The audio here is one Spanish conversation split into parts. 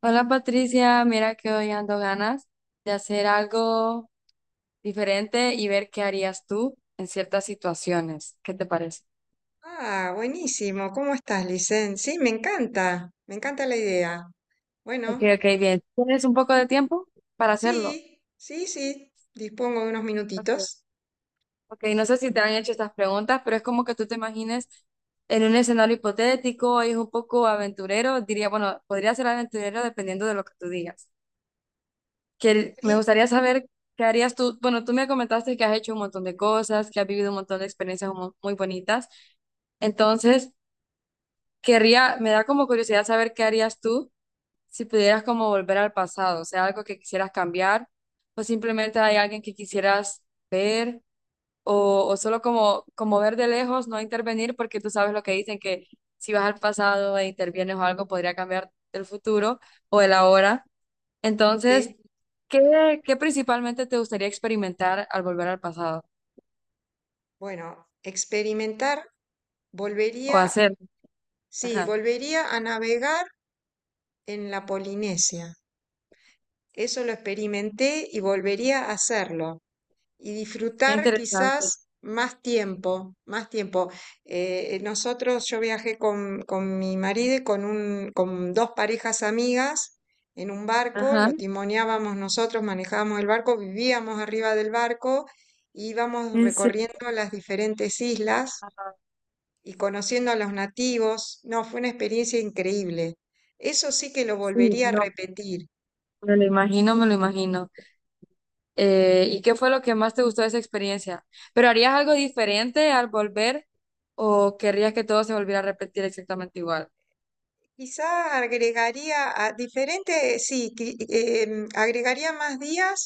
Hola Patricia, mira que hoy ando ganas de hacer algo diferente y ver qué harías tú en ciertas situaciones. ¿Qué te parece? Ah, buenísimo. ¿Cómo estás, Licen? Sí, me encanta la idea. Ok, Bueno, ok, bien. ¿Tienes un poco de tiempo para hacerlo? sí, sí, sí, dispongo de unos Ok. minutitos. Ok, no sé si te han hecho estas preguntas, pero es como que tú te imagines en un escenario hipotético, es un poco aventurero, diría, bueno, podría ser aventurero dependiendo de lo que tú digas. Que me Sí, gustaría saber qué harías tú. Bueno, tú me comentaste que has hecho un montón de cosas, que has vivido un montón de experiencias muy bonitas. Entonces, querría, me da como curiosidad saber qué harías tú si pudieras como volver al pasado, o sea, algo que quisieras cambiar, o simplemente hay alguien que quisieras ver, o solo como, como ver de lejos, no intervenir, porque tú sabes lo que dicen, que si vas al pasado e intervienes o algo, podría cambiar el futuro o el ahora. Entonces, sí. ¿qué principalmente te gustaría experimentar al volver al pasado Bueno, experimentar, o volvería, hacer? sí, Ajá, volvería a navegar en la Polinesia. Eso lo experimenté y volvería a hacerlo. Y qué disfrutar interesante. quizás más tiempo, más tiempo. Yo viajé con mi marido y con, un, con dos parejas amigas en un barco, Ajá. lo timoneábamos nosotros, manejábamos el barco, vivíamos arriba del barco, e íbamos ¿En serio? recorriendo las diferentes islas y conociendo a los nativos. No, fue una experiencia increíble. Eso sí que lo Sí, volvería a no. repetir. Me lo imagino, me lo imagino. ¿Y qué fue lo que más te gustó de esa experiencia? ¿Pero harías algo diferente al volver o querrías que todo se volviera a repetir exactamente igual? Quizá agregaría a diferente, sí, agregaría más días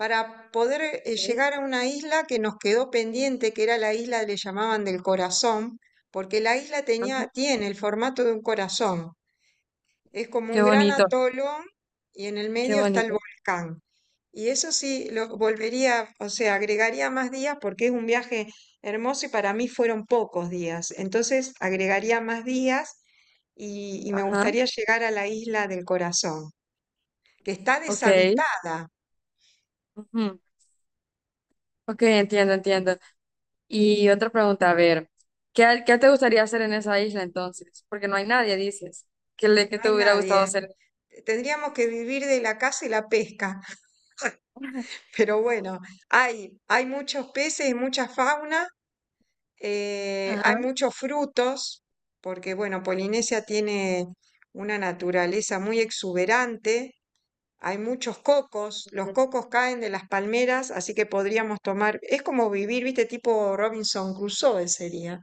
para poder Ok, llegar a una isla que nos quedó pendiente, que era la isla, le llamaban del corazón, porque la isla tenía, ajá. tiene el formato de un corazón. Es como Qué un gran bonito, atolón y en el qué medio está el bonito. volcán. Y eso sí, lo volvería, o sea, agregaría más días porque es un viaje hermoso y para mí fueron pocos días. Entonces, agregaría más días y me Ajá, gustaría llegar a la isla del corazón, que está ok. deshabitada, Ujú. Ok, entiendo, entiendo. Y otra pregunta, a ver, ¿qué te gustaría hacer en esa isla entonces? Porque no hay nadie, dices. ¿Qué, le, qué no te hay hubiera gustado nadie. hacer en esa Tendríamos que isla? vivir de la caza y la pesca, pero bueno, hay muchos peces y mucha fauna. Ajá. Hay muchos frutos, porque bueno, Polinesia tiene una naturaleza muy exuberante, hay muchos cocos, los cocos caen de las palmeras, así que podríamos tomar, es como vivir, viste, tipo Robinson Crusoe sería,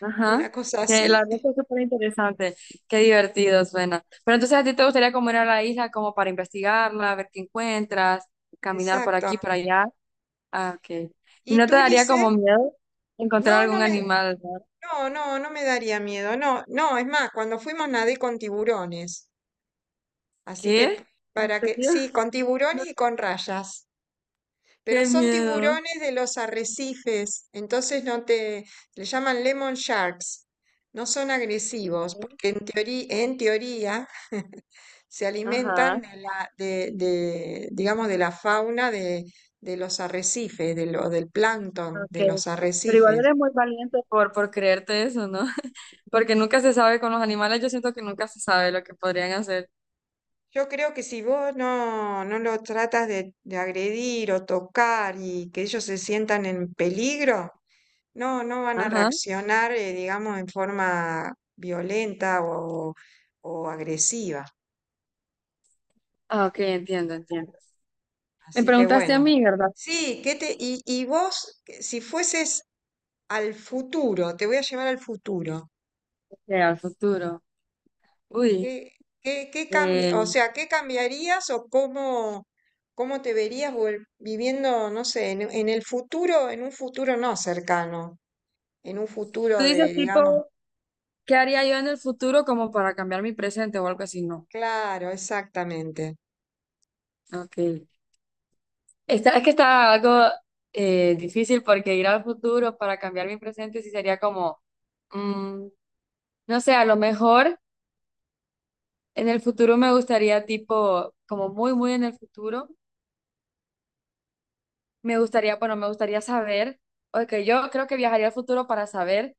Ajá, una cosa que así. la verdad que es súper interesante, qué divertido suena. Pero entonces a ti te gustaría como ir a la isla como para investigarla, ver qué encuentras, caminar por Exacto. aquí, por allá. Ah, ok. ¿Y ¿Y no te tú, daría Lice? como miedo No, encontrar no algún me, animal? ¿No? no, no, no me daría miedo, no, no, es más, cuando fuimos nadé con tiburones, así que ¿Qué? ¿En para que, serio? sí, con No, tiburones y con rayas. Pero qué son miedo. tiburones de los arrecifes, entonces no te, le llaman lemon sharks. No son agresivos, porque en teoría se alimentan Ajá, de la, de, digamos, de la fauna de los arrecifes, del plancton de ok. los Pero igual arrecifes. eres muy valiente por creerte eso, ¿no? Porque nunca se sabe con los animales, yo siento que nunca se sabe lo que podrían hacer. Yo creo que si vos no lo tratas de agredir o tocar y que ellos se sientan en peligro, no, no van a Ajá. reaccionar, digamos, en forma violenta o agresiva. Ah, ok, entiendo, entiendo. Me Así que preguntaste a bueno, mí, ¿verdad? sí, ¿qué te, y vos, que si fueses al futuro, te voy a llevar al futuro, Que al futuro. Uy, ¿qué, ¿qué eh, o sea, ¿qué cambiarías o cómo, cómo te verías viviendo, no sé, en el futuro, en un futuro no cercano, en un tú futuro de, dices digamos, tipo, ¿qué haría yo en el futuro como para cambiar mi presente o algo así? No. claro, exactamente. Ok. Esta, es que está algo difícil porque ir al futuro para cambiar mi presente sí sería como, mm, no sé, a lo mejor en el futuro me gustaría tipo, como muy, muy en el futuro, me gustaría, bueno, me gustaría saber, ok, yo creo que viajaría al futuro para saber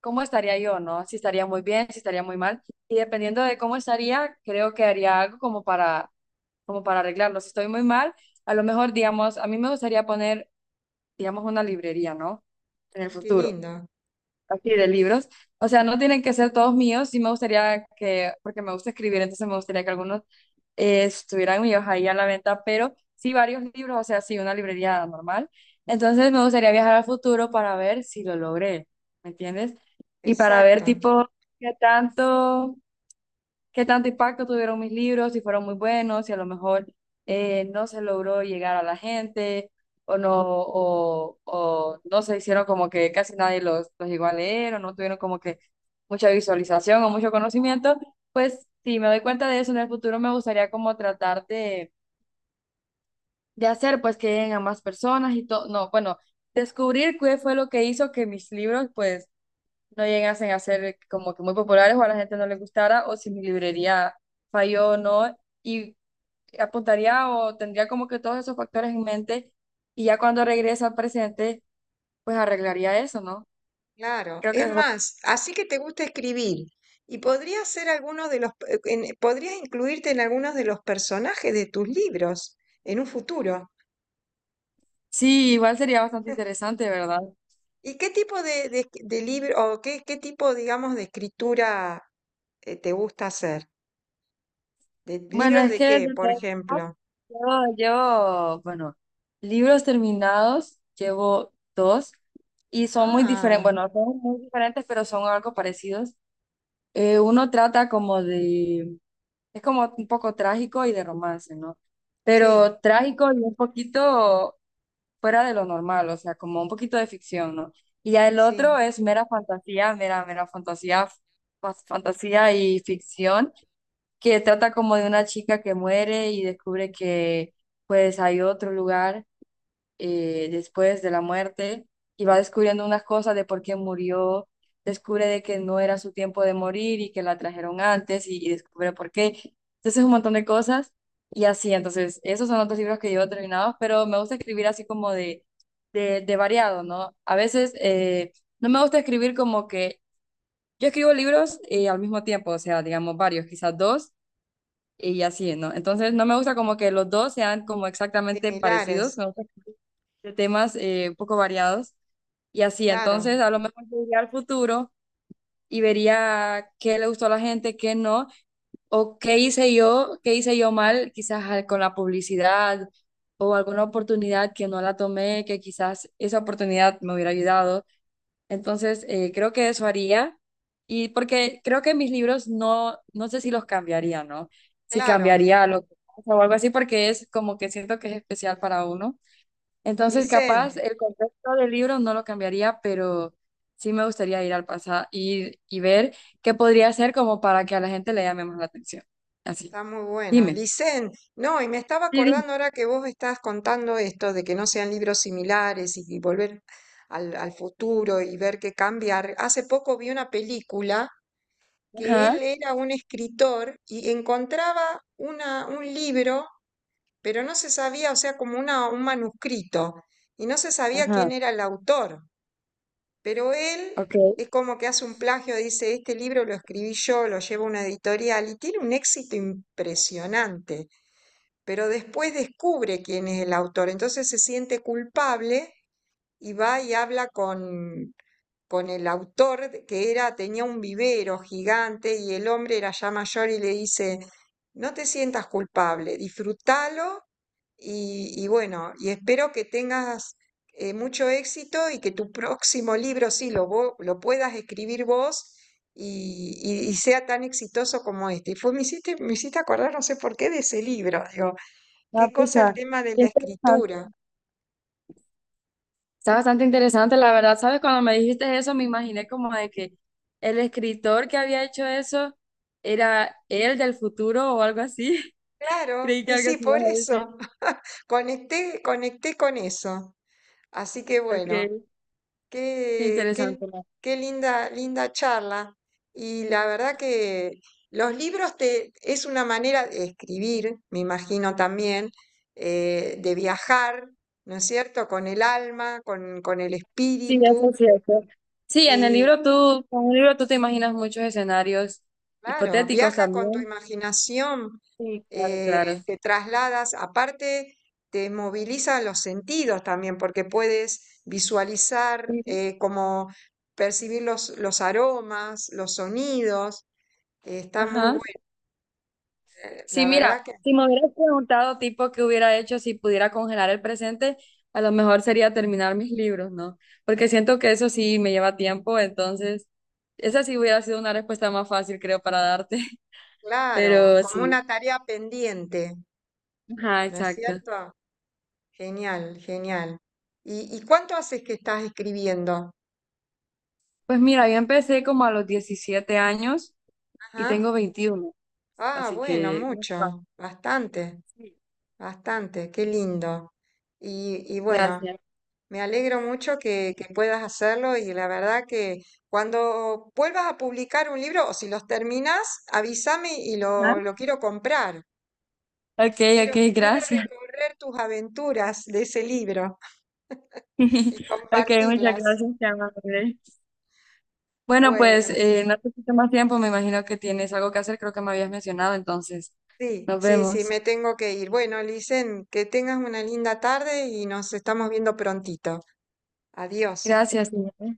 cómo estaría yo, ¿no? Si estaría muy bien, si estaría muy mal. Y dependiendo de cómo estaría, creo que haría algo como para, como para arreglarlo. Si estoy muy mal, a lo mejor, digamos, a mí me gustaría poner, digamos, una librería, ¿no? En el Ay, qué futuro lindo, así de libros. O sea, no tienen que ser todos míos, sí me gustaría que, porque me gusta escribir, entonces me gustaría que algunos estuvieran míos ahí a la venta, pero sí varios libros, o sea, sí una librería normal. Entonces me gustaría viajar al futuro para ver si lo logré, ¿me entiendes? Y para ver exacto. tipo qué tanto qué tanto impacto tuvieron mis libros, si fueron muy buenos, si a lo mejor no se logró llegar a la gente o no se hicieron como que casi nadie los llegó a leer o no tuvieron como que mucha visualización o mucho conocimiento, pues si me doy cuenta de eso en el futuro me gustaría como tratar de hacer pues que lleguen a más personas y todo, no, bueno, descubrir qué fue lo que hizo que mis libros pues no llegasen a ser como que muy populares o a la gente no le gustara o si mi librería falló o no. Y apuntaría o tendría como que todos esos factores en mente y ya cuando regrese al presente, pues arreglaría eso, ¿no? Claro, Creo que es eso es lo que... más, así que te gusta escribir y podrías ser alguno de los, podrías incluirte en algunos de los personajes de tus libros en un futuro. Sí, igual sería bastante interesante, ¿verdad? ¿Y qué tipo de libro o qué, qué tipo, digamos, de escritura te gusta hacer? ¿De Bueno, libros es de que de qué, por todas formas, ejemplo? Bueno, libros terminados, llevo 2 y son muy diferentes, Ah, bueno, son muy diferentes, pero son algo parecidos. Uno trata como de es como un poco trágico y de romance, ¿no? sí, Pero trágico y un poquito fuera de lo normal, o sea, como un poquito de ficción, ¿no? Y ya el sí, otro es mera fantasía, mera, mera fantasía, fantasía y ficción, que trata como de una chica que muere y descubre que pues hay otro lugar después de la muerte y va descubriendo unas cosas de por qué murió, descubre de que no era su tiempo de morir y que la trajeron antes y descubre por qué. Entonces un montón de cosas y así, entonces esos son otros libros que yo he terminado, pero me gusta escribir así como de, de variado, ¿no? A veces no me gusta escribir como que yo escribo libros al mismo tiempo, o sea, digamos varios, quizás dos y así, ¿no? Entonces no me gusta como que los dos sean como exactamente parecidos, similares, me gusta que de temas un poco variados y así, entonces claro, a lo mejor yo iría al futuro y vería qué le gustó a la gente, qué no, o qué hice yo mal, quizás con la publicidad o alguna oportunidad que no la tomé, que quizás esa oportunidad me hubiera ayudado. Entonces, creo que eso haría. Y porque creo que mis libros no, no sé si los cambiaría, ¿no? Si claro. cambiaría lo que pasa o algo así, porque es como que siento que es especial para uno. Entonces, Licen. capaz el contexto del libro no lo cambiaría, pero sí me gustaría ir al pasado y ver qué podría hacer como para que a la gente le llame más la atención. Así. Está muy bueno. Dime. Licen, no, y me estaba acordando ahora que vos estás contando esto de que no sean libros similares y volver al, al futuro y ver qué cambiar. Hace poco vi una película que Ajá, él era un escritor y encontraba una, un libro, pero no se sabía, o sea, como una, un manuscrito, y no se sabía quién ajá. era el autor. Pero él Ok. es como que hace un plagio, dice, este libro lo escribí yo, lo llevo a una editorial y tiene un éxito impresionante, pero después descubre quién es el autor, entonces se siente culpable y va y habla con el autor que era, tenía un vivero gigante y el hombre era ya mayor y le dice, no te sientas culpable, disfrútalo y bueno, y espero que tengas mucho éxito y que tu próximo libro sí lo, lo puedas escribir vos. Y sea tan exitoso como este. Y fue, me hiciste acordar, no sé por qué, de ese libro. Digo, Ah, qué pues, cosa el ah, tema de qué la interesante. escritura. Está bastante interesante, la verdad, ¿sabes? Cuando me dijiste eso, me imaginé como de que el escritor que había hecho eso era él del futuro o algo así. Claro, Creí que algo sí, así por ibas a eso. decir. Conecté con eso. Así que Ok, bueno, qué qué, qué, interesante. ¿No? qué linda charla. Y la verdad que los libros te, es una manera de escribir, me imagino también, de viajar, ¿no es cierto? Con el alma, con el Sí, espíritu. eso es cierto. Sí, en el libro tú, con un libro tú te imaginas muchos escenarios Claro, hipotéticos viajas con tu también. imaginación, Sí, claro, claro. te trasladas, aparte te moviliza los sentidos también, porque puedes visualizar, Sí. Como percibir los aromas, los sonidos, está muy Ajá. bueno, Sí, la mira, verdad que, si me hubieras preguntado tipo qué hubiera hecho si pudiera congelar el presente, a lo mejor sería terminar mis libros, ¿no? Porque siento que eso sí me lleva tiempo, entonces esa sí hubiera sido una respuesta más fácil, creo, para darte, claro, pero como sí. una tarea pendiente, Ajá, ¿no es exacto. cierto? Genial, genial. Y cuánto haces que estás escribiendo? Pues mira, yo empecé como a los 17 años y Ajá. tengo 21, Ah, así bueno, que... unos cuatro. mucho, bastante. Sí. Bastante, qué lindo. Y bueno, Gracias. me alegro mucho que puedas hacerlo y la verdad que cuando vuelvas a publicar un libro o si los terminas, avísame y Ajá. Lo quiero comprar. Ok, ok, Quiero gracias. recorrer tus aventuras de ese libro y Ok, muchas compartirlas. gracias, te amo, bueno, pues Bueno, no te quito más tiempo, me imagino que tienes algo que hacer, creo que me habías mencionado, entonces sí, nos sí, sí, vemos. me tengo que ir. Bueno, Licen, que tengas una linda tarde y nos estamos viendo prontito. Adiós. Gracias, señora.